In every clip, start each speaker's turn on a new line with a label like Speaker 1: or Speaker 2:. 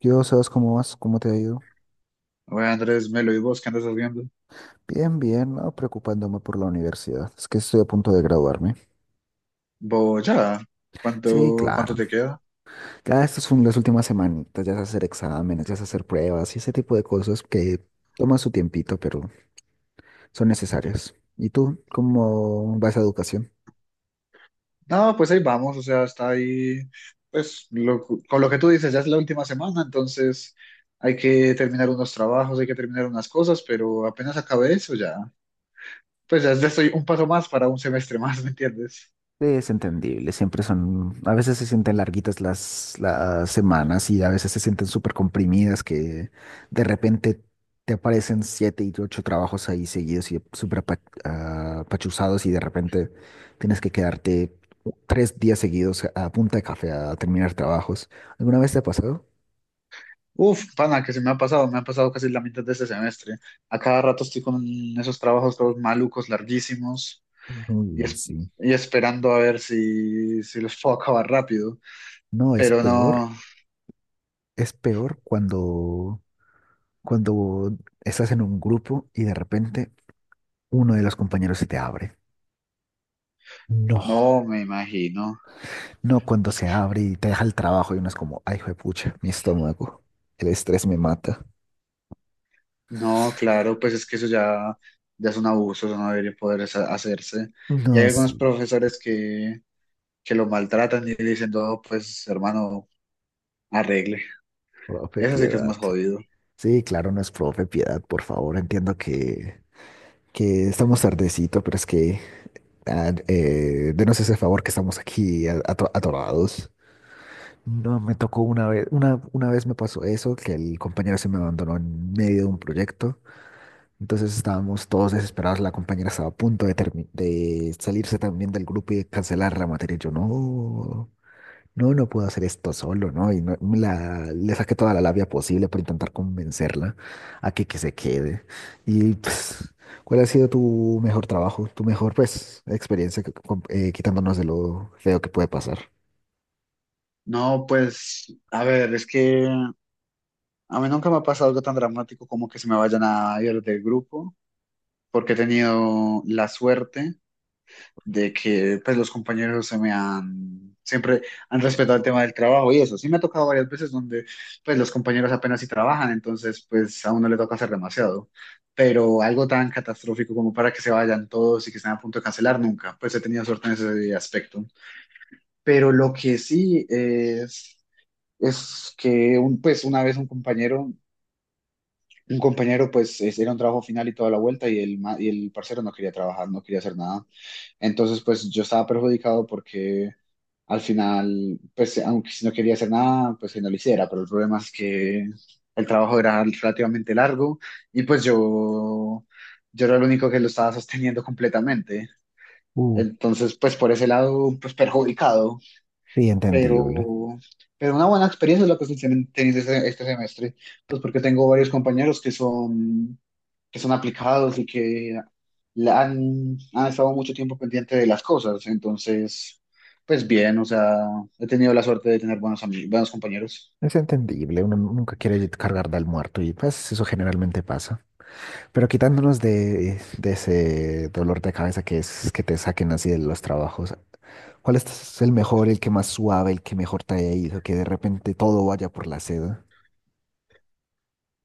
Speaker 1: Yo, ¿sabes cómo vas? ¿Cómo te ha ido?
Speaker 2: Bueno, Andrés, Melo, ¿y vos qué andas haciendo?
Speaker 1: Bien, bien, no preocupándome por la universidad. Es que estoy a punto de graduarme.
Speaker 2: Vos ya,
Speaker 1: Sí,
Speaker 2: ¿cuánto
Speaker 1: claro.
Speaker 2: te queda?
Speaker 1: Ya estas son las últimas semanitas, ya es hacer exámenes, ya es hacer pruebas y ese tipo de cosas que toman su tiempito, pero son necesarias. ¿Y tú, cómo vas a educación?
Speaker 2: No, pues ahí vamos, o sea, está ahí, pues con lo que tú dices, ya es la última semana, entonces hay que terminar unos trabajos, hay que terminar unas cosas, pero apenas acabé eso ya, pues ya estoy un paso más para un semestre más, ¿me entiendes?
Speaker 1: Es entendible, siempre son, a veces se sienten larguitas las semanas y a veces se sienten súper comprimidas que de repente te aparecen siete y ocho trabajos ahí seguidos y súper apachuzados y de repente tienes que quedarte 3 días seguidos a punta de café a terminar trabajos. ¿Alguna vez te ha pasado?
Speaker 2: Uf, pana, que se me ha pasado casi la mitad de este semestre. A cada rato estoy con esos trabajos todos malucos, larguísimos, y,
Speaker 1: Uy, sí.
Speaker 2: y esperando a ver si los puedo acabar rápido.
Speaker 1: No, es
Speaker 2: Pero
Speaker 1: peor,
Speaker 2: no,
Speaker 1: es peor cuando estás en un grupo y de repente uno de los compañeros se te abre.
Speaker 2: no
Speaker 1: No,
Speaker 2: me imagino.
Speaker 1: no cuando
Speaker 2: Es
Speaker 1: se
Speaker 2: que-
Speaker 1: abre y te deja el trabajo y uno es como, ay, juepucha mi estómago, el estrés me mata.
Speaker 2: No, claro, pues es que eso ya, ya es un abuso, eso no debería poder hacerse. Y hay
Speaker 1: No,
Speaker 2: algunos
Speaker 1: sí,
Speaker 2: profesores que lo maltratan y dicen, no, pues hermano, arregle.
Speaker 1: profe,
Speaker 2: Eso sí que es
Speaker 1: piedad.
Speaker 2: más jodido.
Speaker 1: Sí, claro, no es profe, piedad, por favor, entiendo que estamos tardecito, pero es que denos ese favor que estamos aquí atorados. No, me tocó una vez me pasó eso, que el compañero se me abandonó en medio de un proyecto. Entonces estábamos todos desesperados, la compañera estaba a punto de, termi- de salirse también del grupo y de cancelar la materia. Yo no, no, no puedo hacer esto solo, ¿no? Y le saqué toda la labia posible para intentar convencerla a que se quede. Y pues, ¿cuál ha sido tu mejor trabajo, tu mejor pues experiencia quitándonos de lo feo que puede pasar?
Speaker 2: No, pues, a ver, es que a mí nunca me ha pasado algo tan dramático como que se me vayan a ir del grupo, porque he tenido la suerte de que pues los compañeros se me han, siempre han respetado el tema del trabajo y eso. Sí me ha tocado varias veces donde pues los compañeros apenas si trabajan, entonces pues a uno le toca hacer demasiado. Pero algo tan catastrófico como para que se vayan todos y que estén a punto de cancelar, nunca. Pues he tenido suerte en ese aspecto. Pero lo que sí es que un, pues una vez un compañero... Un compañero, pues, era un trabajo final y toda la vuelta, y el, y el parcero no quería trabajar, no quería hacer nada. Entonces, pues yo estaba perjudicado porque al final, pues aunque si no quería hacer nada, pues que no lo hiciera, pero el problema es que el trabajo era relativamente largo y pues yo era el único que lo estaba sosteniendo completamente.
Speaker 1: Uh,
Speaker 2: Entonces, pues por ese lado, pues perjudicado,
Speaker 1: sí, entendible.
Speaker 2: pero, pero una buena experiencia es lo que estoy teniendo este, este semestre, pues porque tengo varios compañeros que son aplicados y que la han, han estado mucho tiempo pendiente de las cosas, entonces, pues bien, o sea, he tenido la suerte de tener buenos, buenos compañeros.
Speaker 1: Es entendible, uno nunca quiere cargar al muerto y pues eso generalmente pasa. Pero quitándonos de ese dolor de cabeza que es que te saquen así de los trabajos, ¿cuál es el mejor, el que más suave, el que mejor te haya ido, que de repente todo vaya por la seda?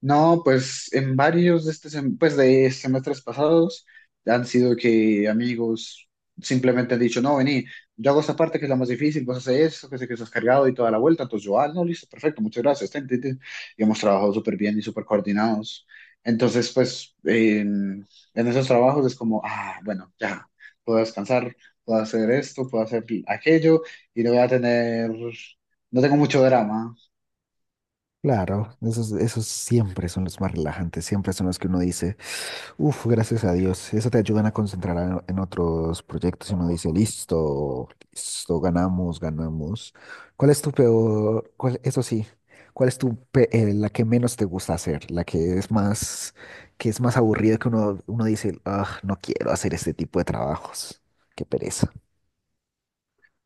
Speaker 2: No, pues en varios de este pues de semestres pasados han sido que amigos simplemente han dicho, no, vení, yo hago esta parte que es la más difícil, vos haces eso, que sé que estás cargado y toda la vuelta, entonces yo, ah, no, listo, perfecto, muchas gracias, ten, ten, ten. Y hemos trabajado súper bien y súper coordinados. Entonces, pues en esos trabajos es como, ah, bueno, ya, puedo descansar, puedo hacer esto, puedo hacer aquello y no voy a tener, no tengo mucho drama.
Speaker 1: Claro, esos, esos siempre son los más relajantes, siempre son los que uno dice. Uf, gracias a Dios. Eso te ayudan a concentrar en otros proyectos y uno dice, listo, listo, ganamos, ganamos. ¿Cuál es tu peor, cuál, eso sí, cuál es tu, la que menos te gusta hacer, la que es más aburrida que uno, uno dice, ah, no quiero hacer este tipo de trabajos, qué pereza.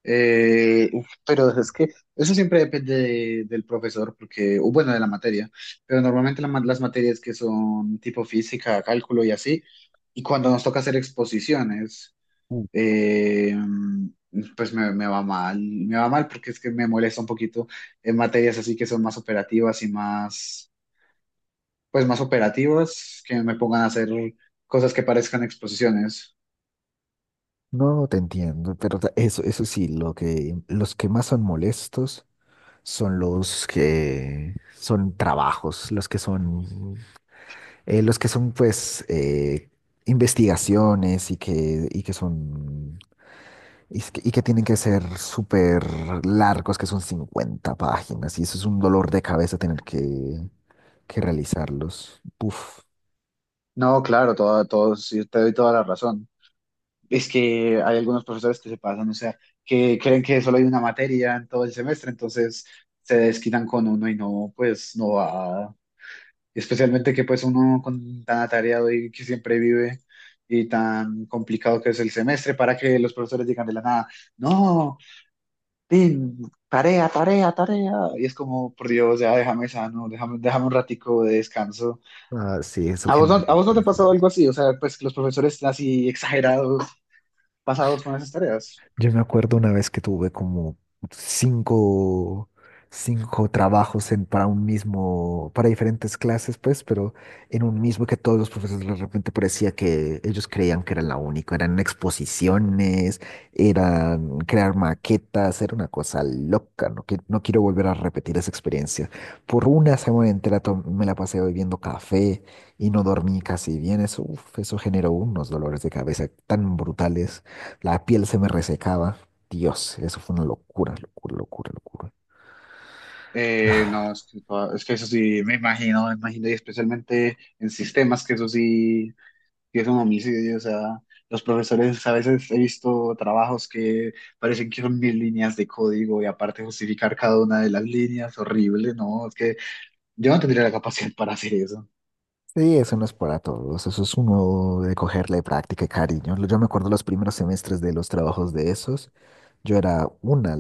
Speaker 2: Uf, pero es que eso siempre depende del profesor, porque, o bueno, de la materia, pero normalmente la las materias que son tipo física, cálculo y así, y cuando nos toca hacer exposiciones,
Speaker 1: Mm.
Speaker 2: eh, pues me, me va mal porque es que me molesta un poquito en materias así que son más operativas y más, pues más operativas, que me pongan a hacer cosas que parezcan exposiciones.
Speaker 1: No te entiendo, pero eso, eso sí, los que más son molestos son los que son trabajos, los que son, pues, investigaciones y que son, y, es que y que tienen que ser súper largos, que son 50 páginas, y eso es un dolor de cabeza tener que realizarlos. Uf.
Speaker 2: No, claro, todo, todo, sí, te doy toda la razón. Es que hay algunos profesores que se pasan, o sea, que creen que solo hay una materia en todo el semestre, entonces se desquitan con uno y no, pues no va. Especialmente que pues uno con tan atareado y que siempre vive y tan complicado que es el semestre para que los profesores digan de la nada, no, Tim, tarea, tarea, tarea. Y es como, por Dios, ya déjame sano, déjame, déjame un ratico de descanso.
Speaker 1: Ah, sí, eso
Speaker 2: A vos no
Speaker 1: generalmente
Speaker 2: te ha
Speaker 1: es
Speaker 2: pasado
Speaker 1: dolor.
Speaker 2: algo así? O sea, pues los profesores así exagerados, pasados con esas tareas.
Speaker 1: Yo me acuerdo una vez que tuve como cinco, cinco trabajos en, para un mismo, para diferentes clases, pues, pero en un mismo que todos los profesores de repente parecía que ellos creían que era la única. Eran exposiciones, eran crear maquetas, era una cosa loca. No, que, no quiero volver a repetir esa experiencia. Por una semana entera me la pasé bebiendo café y no dormí casi bien. Eso, uf, eso generó unos dolores de cabeza tan brutales. La piel se me resecaba. Dios, eso fue una locura, locura, locura, locura.
Speaker 2: No, es que, es que eso sí, me imagino, y especialmente en sistemas, que eso sí, sí es un homicidio, o sea, los profesores a veces he visto trabajos que parecen que son mil líneas de código y aparte justificar cada una de las líneas, horrible, no, es que yo no tendría la capacidad para hacer eso.
Speaker 1: Sí, eso no es para todos. Eso es uno de cogerle práctica y cariño. Yo me acuerdo los primeros semestres de los trabajos de esos. Yo era una,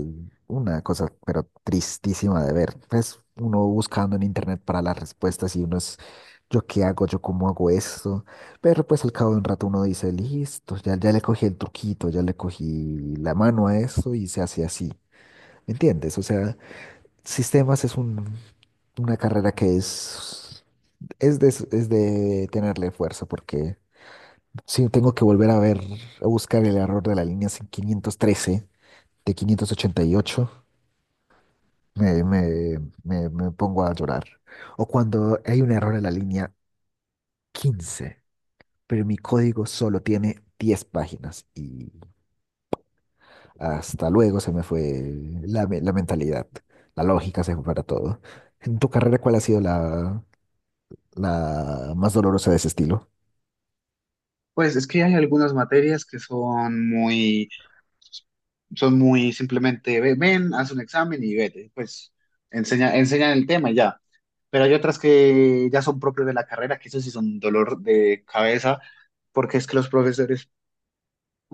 Speaker 1: una cosa, pero tristísima de ver. Pues uno buscando en internet para las respuestas y uno es, ¿yo qué hago? ¿Yo cómo hago esto? Pero pues al cabo de un rato uno dice, listo, ya, ya le cogí el truquito, ya le cogí la mano a eso y se hace así. ¿Me entiendes? O sea, Sistemas es una carrera que es, es de tenerle fuerza, porque sí, tengo que volver a ver, a buscar el error de la línea 513, de 588, me, me, me pongo a llorar. O cuando hay un error en la línea 15, pero mi código solo tiene 10 páginas y hasta luego se me fue la, la mentalidad, la lógica se fue para todo. En tu carrera, ¿cuál ha sido la más dolorosa de ese estilo?
Speaker 2: Pues es que hay algunas materias que son muy... Son muy simplemente, ven, haz un examen y vete. Pues enseña, enseñan el tema y ya. Pero hay otras que ya son propias de la carrera, que eso sí son dolor de cabeza, porque es que los profesores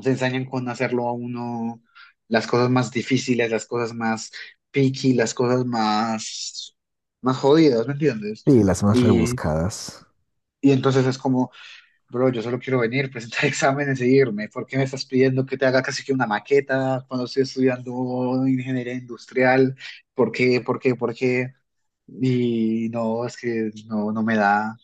Speaker 2: se ensañan con hacerlo a uno las cosas más difíciles, las cosas más picky, las cosas más, más jodidas, ¿me entiendes?
Speaker 1: Sí, las más
Speaker 2: Y,
Speaker 1: rebuscadas.
Speaker 2: y entonces es como, bro, yo solo quiero venir, presentar exámenes e irme. ¿Por qué me estás pidiendo que te haga casi que una maqueta cuando estoy estudiando ingeniería industrial? ¿Por qué? ¿Por qué? ¿Por qué? Y no, es que no, no me da.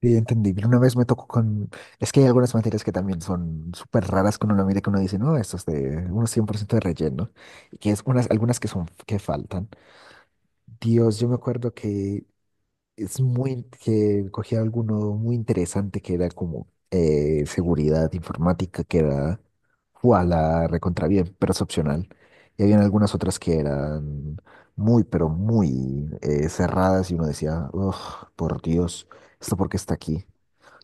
Speaker 1: Sí, entendible. Una vez me tocó con... Es que hay algunas materias que también son súper raras que uno lo mira y que uno dice, no, esto es de unos 100% de relleno. Y que es unas, algunas que son, que faltan. Dios, yo me acuerdo que es muy, que cogía alguno muy interesante que era como seguridad informática, que era fue a la recontra bien, pero es opcional. Y habían algunas otras que eran muy, pero muy cerradas y uno decía, "Uf, por Dios, ¿esto por qué está aquí?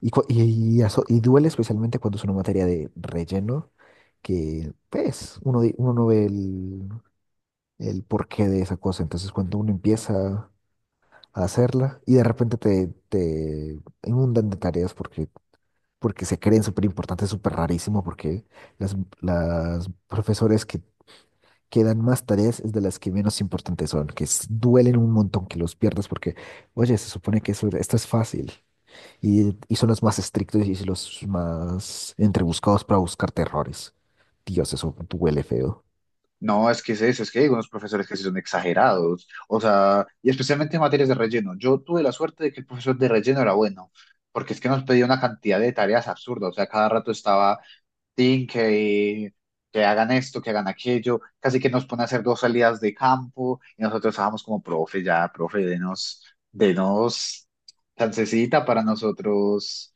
Speaker 1: Y, cu- y, y duele especialmente cuando es una materia de relleno, que pues uno, uno no ve el porqué de esa cosa. Entonces cuando uno empieza a hacerla y de repente te inundan de tareas porque, porque se creen súper importantes, súper rarísimo, porque las profesores que dan más tareas es de las que menos importantes son, que duelen un montón que los pierdas porque, oye, se supone que eso, esto es fácil y son los más estrictos y los más entrebuscados para buscar errores. Dios, eso duele feo.
Speaker 2: No, es que es eso, es que hay unos profesores que sí son exagerados. O sea, y especialmente en materias de relleno. Yo tuve la suerte de que el profesor de relleno era bueno, porque es que nos pedía una cantidad de tareas absurdas. O sea, cada rato estaba tin, que hagan esto, que hagan aquello, casi que nos pone a hacer dos salidas de campo y nosotros estábamos como, profe, ya, profe, denos, denos chancecita para nosotros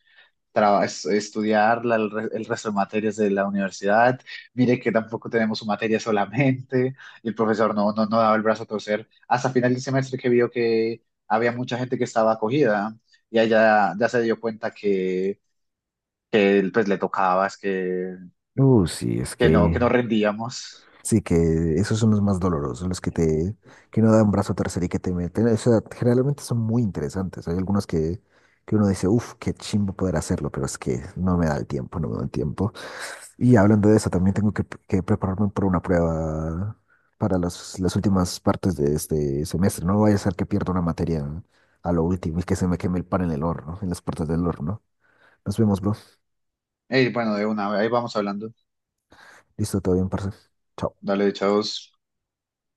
Speaker 2: estudiar el, el resto de materias de la universidad, mire que tampoco tenemos su materia solamente y el profesor no, no, no daba el brazo a torcer hasta final del semestre que vio que había mucha gente que estaba acogida y ella ya se dio cuenta que él, pues le tocaba es
Speaker 1: Sí, es
Speaker 2: que
Speaker 1: que
Speaker 2: no rendíamos.
Speaker 1: Sí, que esos son los más dolorosos, los que que no dan brazo a torcer y que te meten. O sea, generalmente son muy interesantes. Hay algunos que uno dice, uff, qué chimbo poder hacerlo, pero es que no me da el tiempo, no me da el tiempo. Y hablando de eso, también tengo que prepararme por una prueba para las últimas partes de este semestre. No vaya a ser que pierda una materia a lo último y que se me queme el pan en el horno, en las puertas del horno. Nos vemos, bro.
Speaker 2: Bueno, de una, ahí vamos hablando.
Speaker 1: Listo, todo bien, parce. Chao.
Speaker 2: Dale, chavos.